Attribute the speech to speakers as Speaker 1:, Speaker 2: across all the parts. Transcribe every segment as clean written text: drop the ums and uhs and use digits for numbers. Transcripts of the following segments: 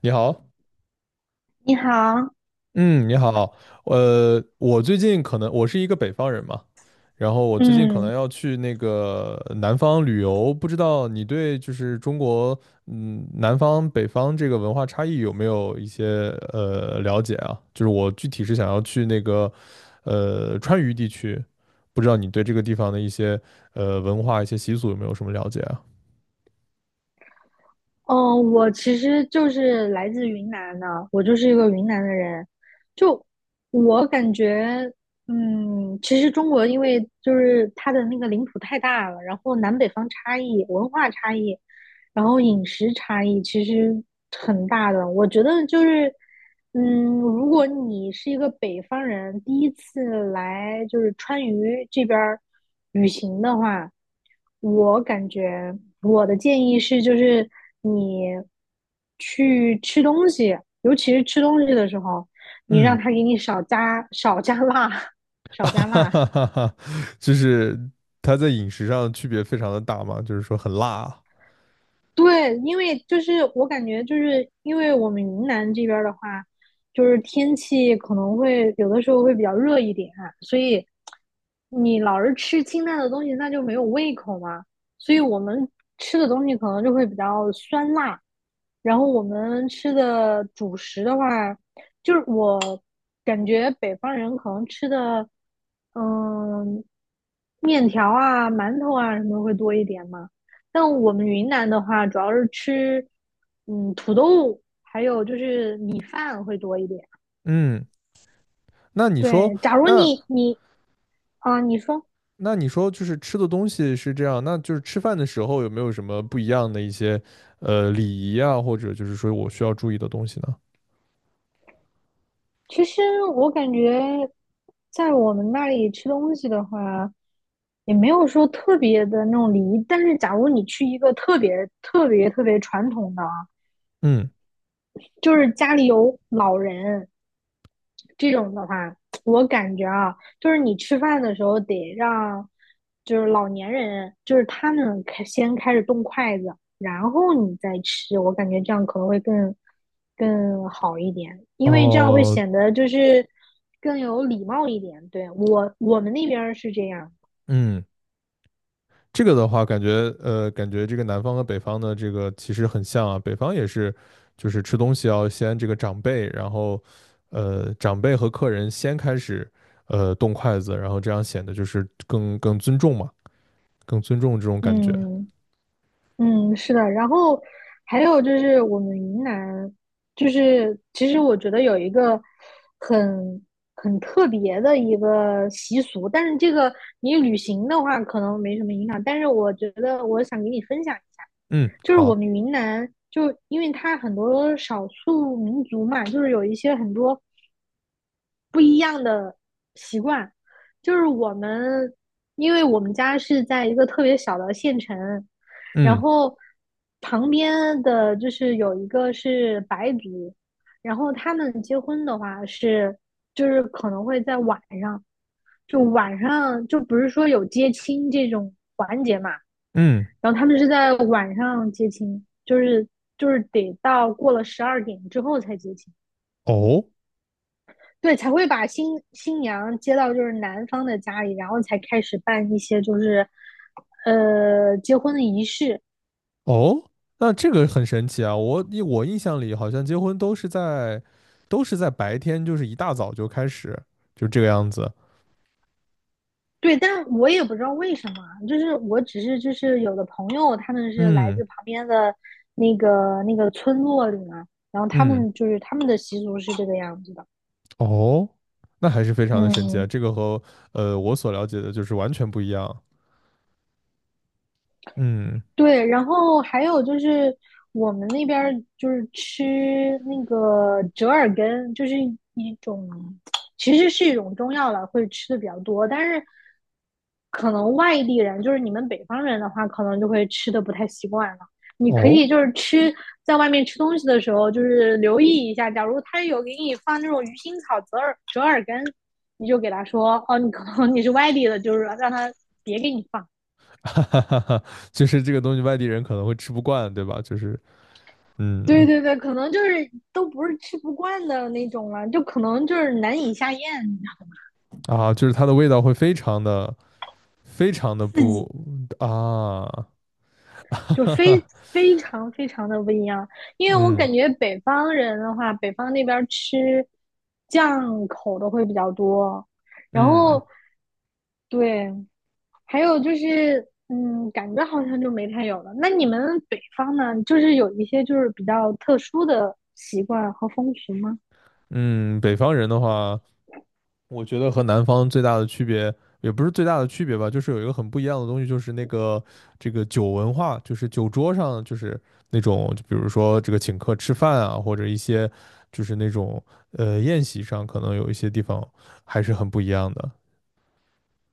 Speaker 1: 你好，
Speaker 2: 你好，
Speaker 1: 嗯，你好，我最近可能我是一个北方人嘛，然后我最近可能
Speaker 2: 嗯，
Speaker 1: 要去那个南方旅游，不知道你对就是中国，南方北方这个文化差异有没有一些了解啊？就是我具体是想要去那个，川渝地区，不知道你对这个地方的一些文化一些习俗有没有什么了解啊？
Speaker 2: 哦，我其实就是来自云南的，我就是一个云南的人。就我感觉，其实中国因为就是它的那个领土太大了，然后南北方差异、文化差异，然后饮食差异其实很大的，我觉得就是，如果你是一个北方人，第一次来就是川渝这边儿旅行的话，我感觉我的建议是，就是你去吃东西，尤其是吃东西的时候，你让
Speaker 1: 嗯。
Speaker 2: 他给你少加辣，
Speaker 1: 哈
Speaker 2: 少加辣。
Speaker 1: 哈哈哈，就是它在饮食上区别非常的大嘛，就是说很辣啊。
Speaker 2: 对，因为就是我感觉就是因为我们云南这边儿的话，就是天气可能会有的时候会比较热一点啊，所以你老是吃清淡的东西，那就没有胃口嘛。所以我们吃的东西可能就会比较酸辣，然后我们吃的主食的话，就是我感觉北方人可能吃的，嗯，面条啊、馒头啊什么会多一点嘛。但我们云南的话，主要是吃土豆，还有就是米饭会多一点。
Speaker 1: 嗯，那你说，
Speaker 2: 对，假如
Speaker 1: 那
Speaker 2: 你你啊，你说，
Speaker 1: 那你说，就是吃的东西是这样，那就是吃饭的时候有没有什么不一样的一些礼仪啊，或者就是说我需要注意的东西呢？
Speaker 2: 其实我感觉在我们那里吃东西的话，也没有说特别的那种离。但是，假如你去一个特别特别特别传统的啊，
Speaker 1: 嗯，
Speaker 2: 就是家里有老人，这种的话，我感觉啊，就是你吃饭的时候得让，就是老年人，就是他们先开始动筷子，然后你再吃，我感觉这样可能会更好一点，因为这样会
Speaker 1: 哦，
Speaker 2: 显得就是更有礼貌一点。对，我们那边是这样，
Speaker 1: 嗯。这个的话，感觉这个南方和北方的这个其实很像啊。北方也是，就是吃东西要先这个长辈，然后长辈和客人先开始动筷子，然后这样显得就是更尊重嘛，更尊重这种感觉。
Speaker 2: 嗯。嗯，是的，然后还有就是我们云南，就是其实我觉得有一个很很特别的一个习俗，但是这个你旅行的话可能没什么影响，但是我觉得我想给你分享一下，
Speaker 1: 嗯，
Speaker 2: 就是我
Speaker 1: 好，
Speaker 2: 们云南，就因为它很多少数民族嘛，就是有一些很多。不一样的习惯，就是我们，因为我们家是在一个特别小的县城，然
Speaker 1: 嗯
Speaker 2: 后旁边的就是有一个是白族，然后他们结婚的话是，就是可能会在晚上，就晚上就不是说有接亲这种环节嘛，
Speaker 1: 嗯，
Speaker 2: 然后他们是在晚上接亲，就是得到过了12点之后才接亲。
Speaker 1: 哦
Speaker 2: 对，才会把新娘接到就是男方的家里，然后才开始办一些就是，结婚的仪式。
Speaker 1: 哦，那这个很神奇啊！我印象里好像结婚都是在白天，就是一大早就开始，就这个样子。
Speaker 2: 对，但我也不知道为什么，就是我只是就是有的朋友他们是来
Speaker 1: 嗯
Speaker 2: 自旁边的那个村落里嘛，然后他
Speaker 1: 嗯，
Speaker 2: 们就是他们的习俗是这个样子的。
Speaker 1: 哦，那还是非常的神奇啊，
Speaker 2: 嗯，
Speaker 1: 这个和我所了解的就是完全不一样。嗯，
Speaker 2: 对，然后还有就是我们那边儿就是吃那个折耳根，就是一种，其实是一种中药了，会吃的比较多。但是可能外地人，就是你们北方人的话，可能就会吃的不太习惯了。你可
Speaker 1: 哦，
Speaker 2: 以就是吃在外面吃东西的时候，就是留意一下，假如他有给你放那种鱼腥草、折耳根，你就给他说，哦，你可能你是外地的，就是让他别给你放。
Speaker 1: 哈哈哈哈，就是这个东西外地人可能会吃不惯，对吧？
Speaker 2: 对
Speaker 1: 嗯
Speaker 2: 对对，可能就是都不是吃不惯的那种了，就可能就是难以下咽，
Speaker 1: 就是它的味道会非常的非常的
Speaker 2: 刺
Speaker 1: 不
Speaker 2: 激
Speaker 1: 啊，哈
Speaker 2: 就
Speaker 1: 哈
Speaker 2: 非
Speaker 1: 哈，
Speaker 2: 非常非常的不一样。因为我
Speaker 1: 嗯
Speaker 2: 感觉北方人的话，北方那边儿吃酱口的会比较多，然
Speaker 1: 嗯
Speaker 2: 后对，还有就是感觉好像就没太有了。那你们北方呢，就是有一些就是比较特殊的习惯和风俗吗？
Speaker 1: 嗯，北方人的话。我觉得和南方最大的区别，也不是最大的区别吧，就是有一个很不一样的东西，就是那个这个酒文化，就是酒桌上就是那种，就比如说这个请客吃饭啊，或者一些就是那种宴席上，可能有一些地方还是很不一样的。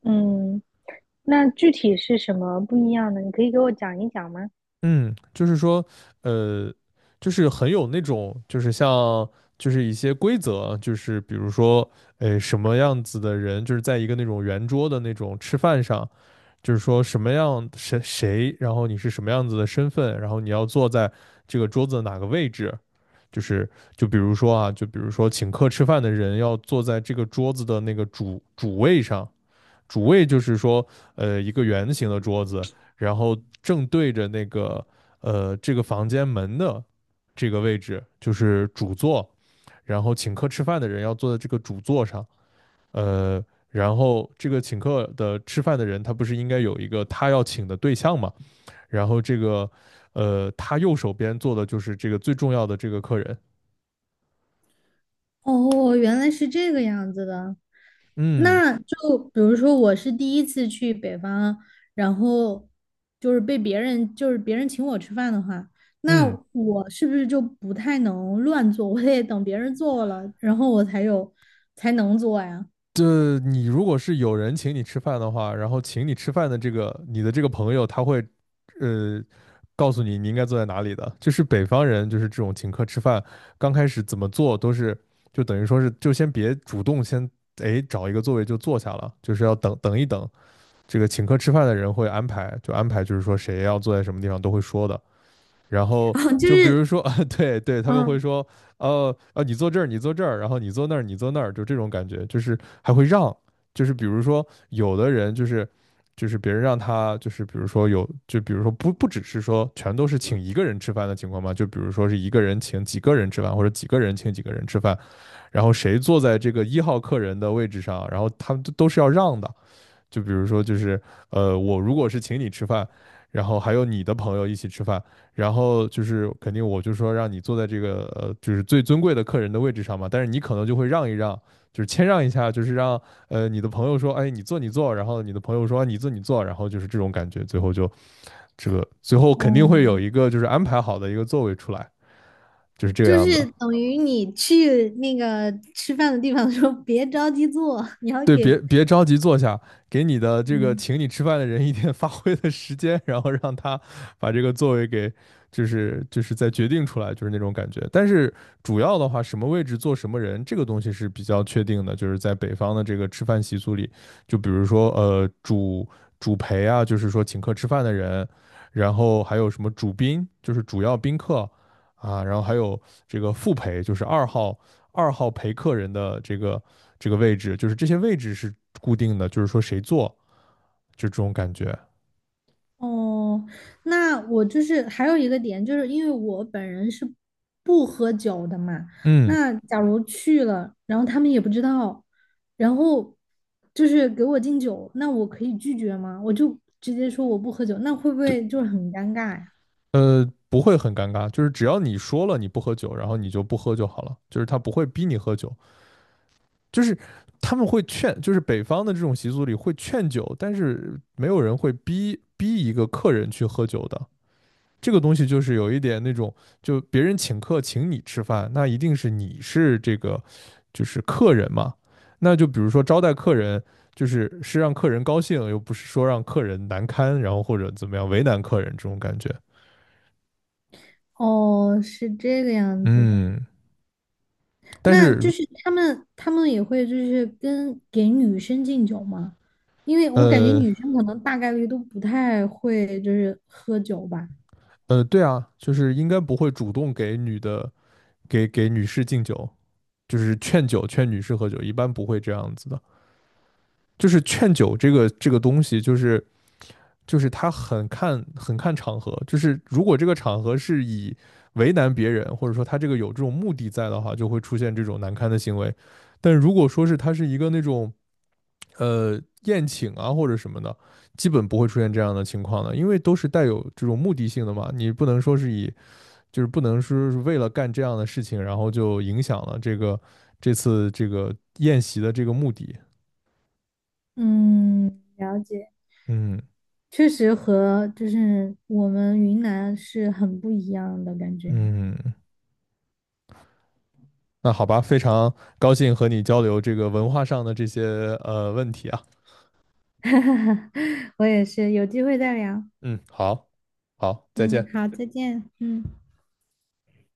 Speaker 2: 嗯，那具体是什么不一样的？你可以给我讲一讲吗？
Speaker 1: 嗯，就是说，呃，就是很有那种，就是像就是一些规则，就是比如说，什么样子的人，就是在一个那种圆桌的那种吃饭上。就是说什么样谁谁，然后你是什么样子的身份，然后你要坐在这个桌子的哪个位置，就是就比如说请客吃饭的人要坐在这个桌子的那个主位上，主位就是说一个圆形的桌子，然后正对着那个这个房间门的这个位置就是主座，然后请客吃饭的人要坐在这个主座上，呃，然后这个请客的吃饭的人，他不是应该有一个他要请的对象嘛？然后这个，他右手边坐的就是这个最重要的这个客人。
Speaker 2: 哦，原来是这个样子的。
Speaker 1: 嗯
Speaker 2: 那就比如说，我是第一次去北方，然后就是被别人，就是别人请我吃饭的话，那
Speaker 1: 嗯，
Speaker 2: 我是不是就不太能乱做？我得等别人做了，然后我才能做呀。
Speaker 1: 这你如果是有人请你吃饭的话，然后请你吃饭的这个你的这个朋友，他会，呃。告诉你你应该坐在哪里的，就是北方人，就是这种请客吃饭，刚开始怎么做都是，就等于说是，就先别主动先，哎，找一个座位就坐下了，就是要等等一等，这个请客吃饭的人会安排就是说谁要坐在什么地方都会说的。然 后
Speaker 2: 然就
Speaker 1: 就比
Speaker 2: 是，
Speaker 1: 如说，啊，对对，他们会
Speaker 2: 嗯，
Speaker 1: 说，你坐这儿，你坐这儿，然后你坐那儿，你坐那儿，就这种感觉，就是还会让，就是比如说有的人就是别人让他就是比如说不只是说全都是请一个人吃饭的情况嘛，就比如说是一个人请几个人吃饭，或者几个人请几个人吃饭，然后谁坐在这个一号客人的位置上，然后他们都是要让的。就比如说，就是我如果是请你吃饭，然后还有你的朋友一起吃饭，然后就是肯定我就说让你坐在这个就是最尊贵的客人的位置上嘛，但是你可能就会让一让，就是谦让一下，就是让你的朋友说，哎，你坐你坐，然后你的朋友说、啊你坐你坐，然后就是这种感觉，最后就这个最后肯定会
Speaker 2: 哦，
Speaker 1: 有一个就是安排好的一个座位出来，就是这个
Speaker 2: 就
Speaker 1: 样子。
Speaker 2: 是等于你去那个吃饭的地方的时候，别着急做，你要
Speaker 1: 对，别
Speaker 2: 给，
Speaker 1: 别着急坐下，给你的这个
Speaker 2: 嗯。
Speaker 1: 请你吃饭的人一点 发挥的时间，然后让他把这个座位给，就是再决定出来，就是那种感觉。但是主要的话，什么位置坐什么人，这个东西是比较确定的，就是在北方的这个吃饭习俗里，就比如说主陪啊，就是说请客吃饭的人，然后还有什么主宾，就是主要宾客啊，然后还有这个副陪，就是二号陪客人的这个。这个位置，就是这些位置是固定的，就是说谁坐就这种感觉。
Speaker 2: 哦，那我就是还有一个点，就是因为我本人是不喝酒的嘛，
Speaker 1: 嗯，
Speaker 2: 那假如去了，然后他们也不知道，然后就是给我敬酒，那我可以拒绝吗？我就直接说我不喝酒，那会不
Speaker 1: 对，
Speaker 2: 会就是很尴尬呀？
Speaker 1: 不会很尴尬，就是只要你说了你不喝酒，然后你就不喝就好了，就是他不会逼你喝酒，就是他们会劝，就是北方的这种习俗里会劝酒，但是没有人会逼一个客人去喝酒的。这个东西就是有一点那种，就别人请客请你吃饭，那一定是你是这个就是客人嘛。那就比如说招待客人，就是是让客人高兴，又不是说让客人难堪，然后或者怎么样为难客人这种感觉。
Speaker 2: 哦，是这个样子的，
Speaker 1: 嗯，但
Speaker 2: 那
Speaker 1: 是
Speaker 2: 就是他们也会就是给女生敬酒吗？因为我感觉
Speaker 1: 呃
Speaker 2: 女生可能大概率都不太会就是喝酒吧。
Speaker 1: 对啊，就是应该不会主动给女士敬酒，就是劝酒劝女士喝酒，一般不会这样子的。就是劝酒这个东西，就是他很看场合，就是如果这个场合是以为难别人，或者说他这个有这种目的在的话，就会出现这种难堪的行为。但如果说是他是一个那种宴请啊或者什么的，基本不会出现这样的情况的，因为都是带有这种目的性的嘛。你不能说是以就是不能说是为了干这样的事情，然后就影响了这次这个宴席的这个目的。
Speaker 2: 嗯，了解，
Speaker 1: 嗯
Speaker 2: 确实和就是我们云南是很不一样的感觉。
Speaker 1: 嗯，那好吧，非常高兴和你交流这个文化上的这些问题啊。
Speaker 2: 我也是，有机会再聊。
Speaker 1: 嗯，好，好，再
Speaker 2: 嗯，
Speaker 1: 见。
Speaker 2: 好，再见。嗯。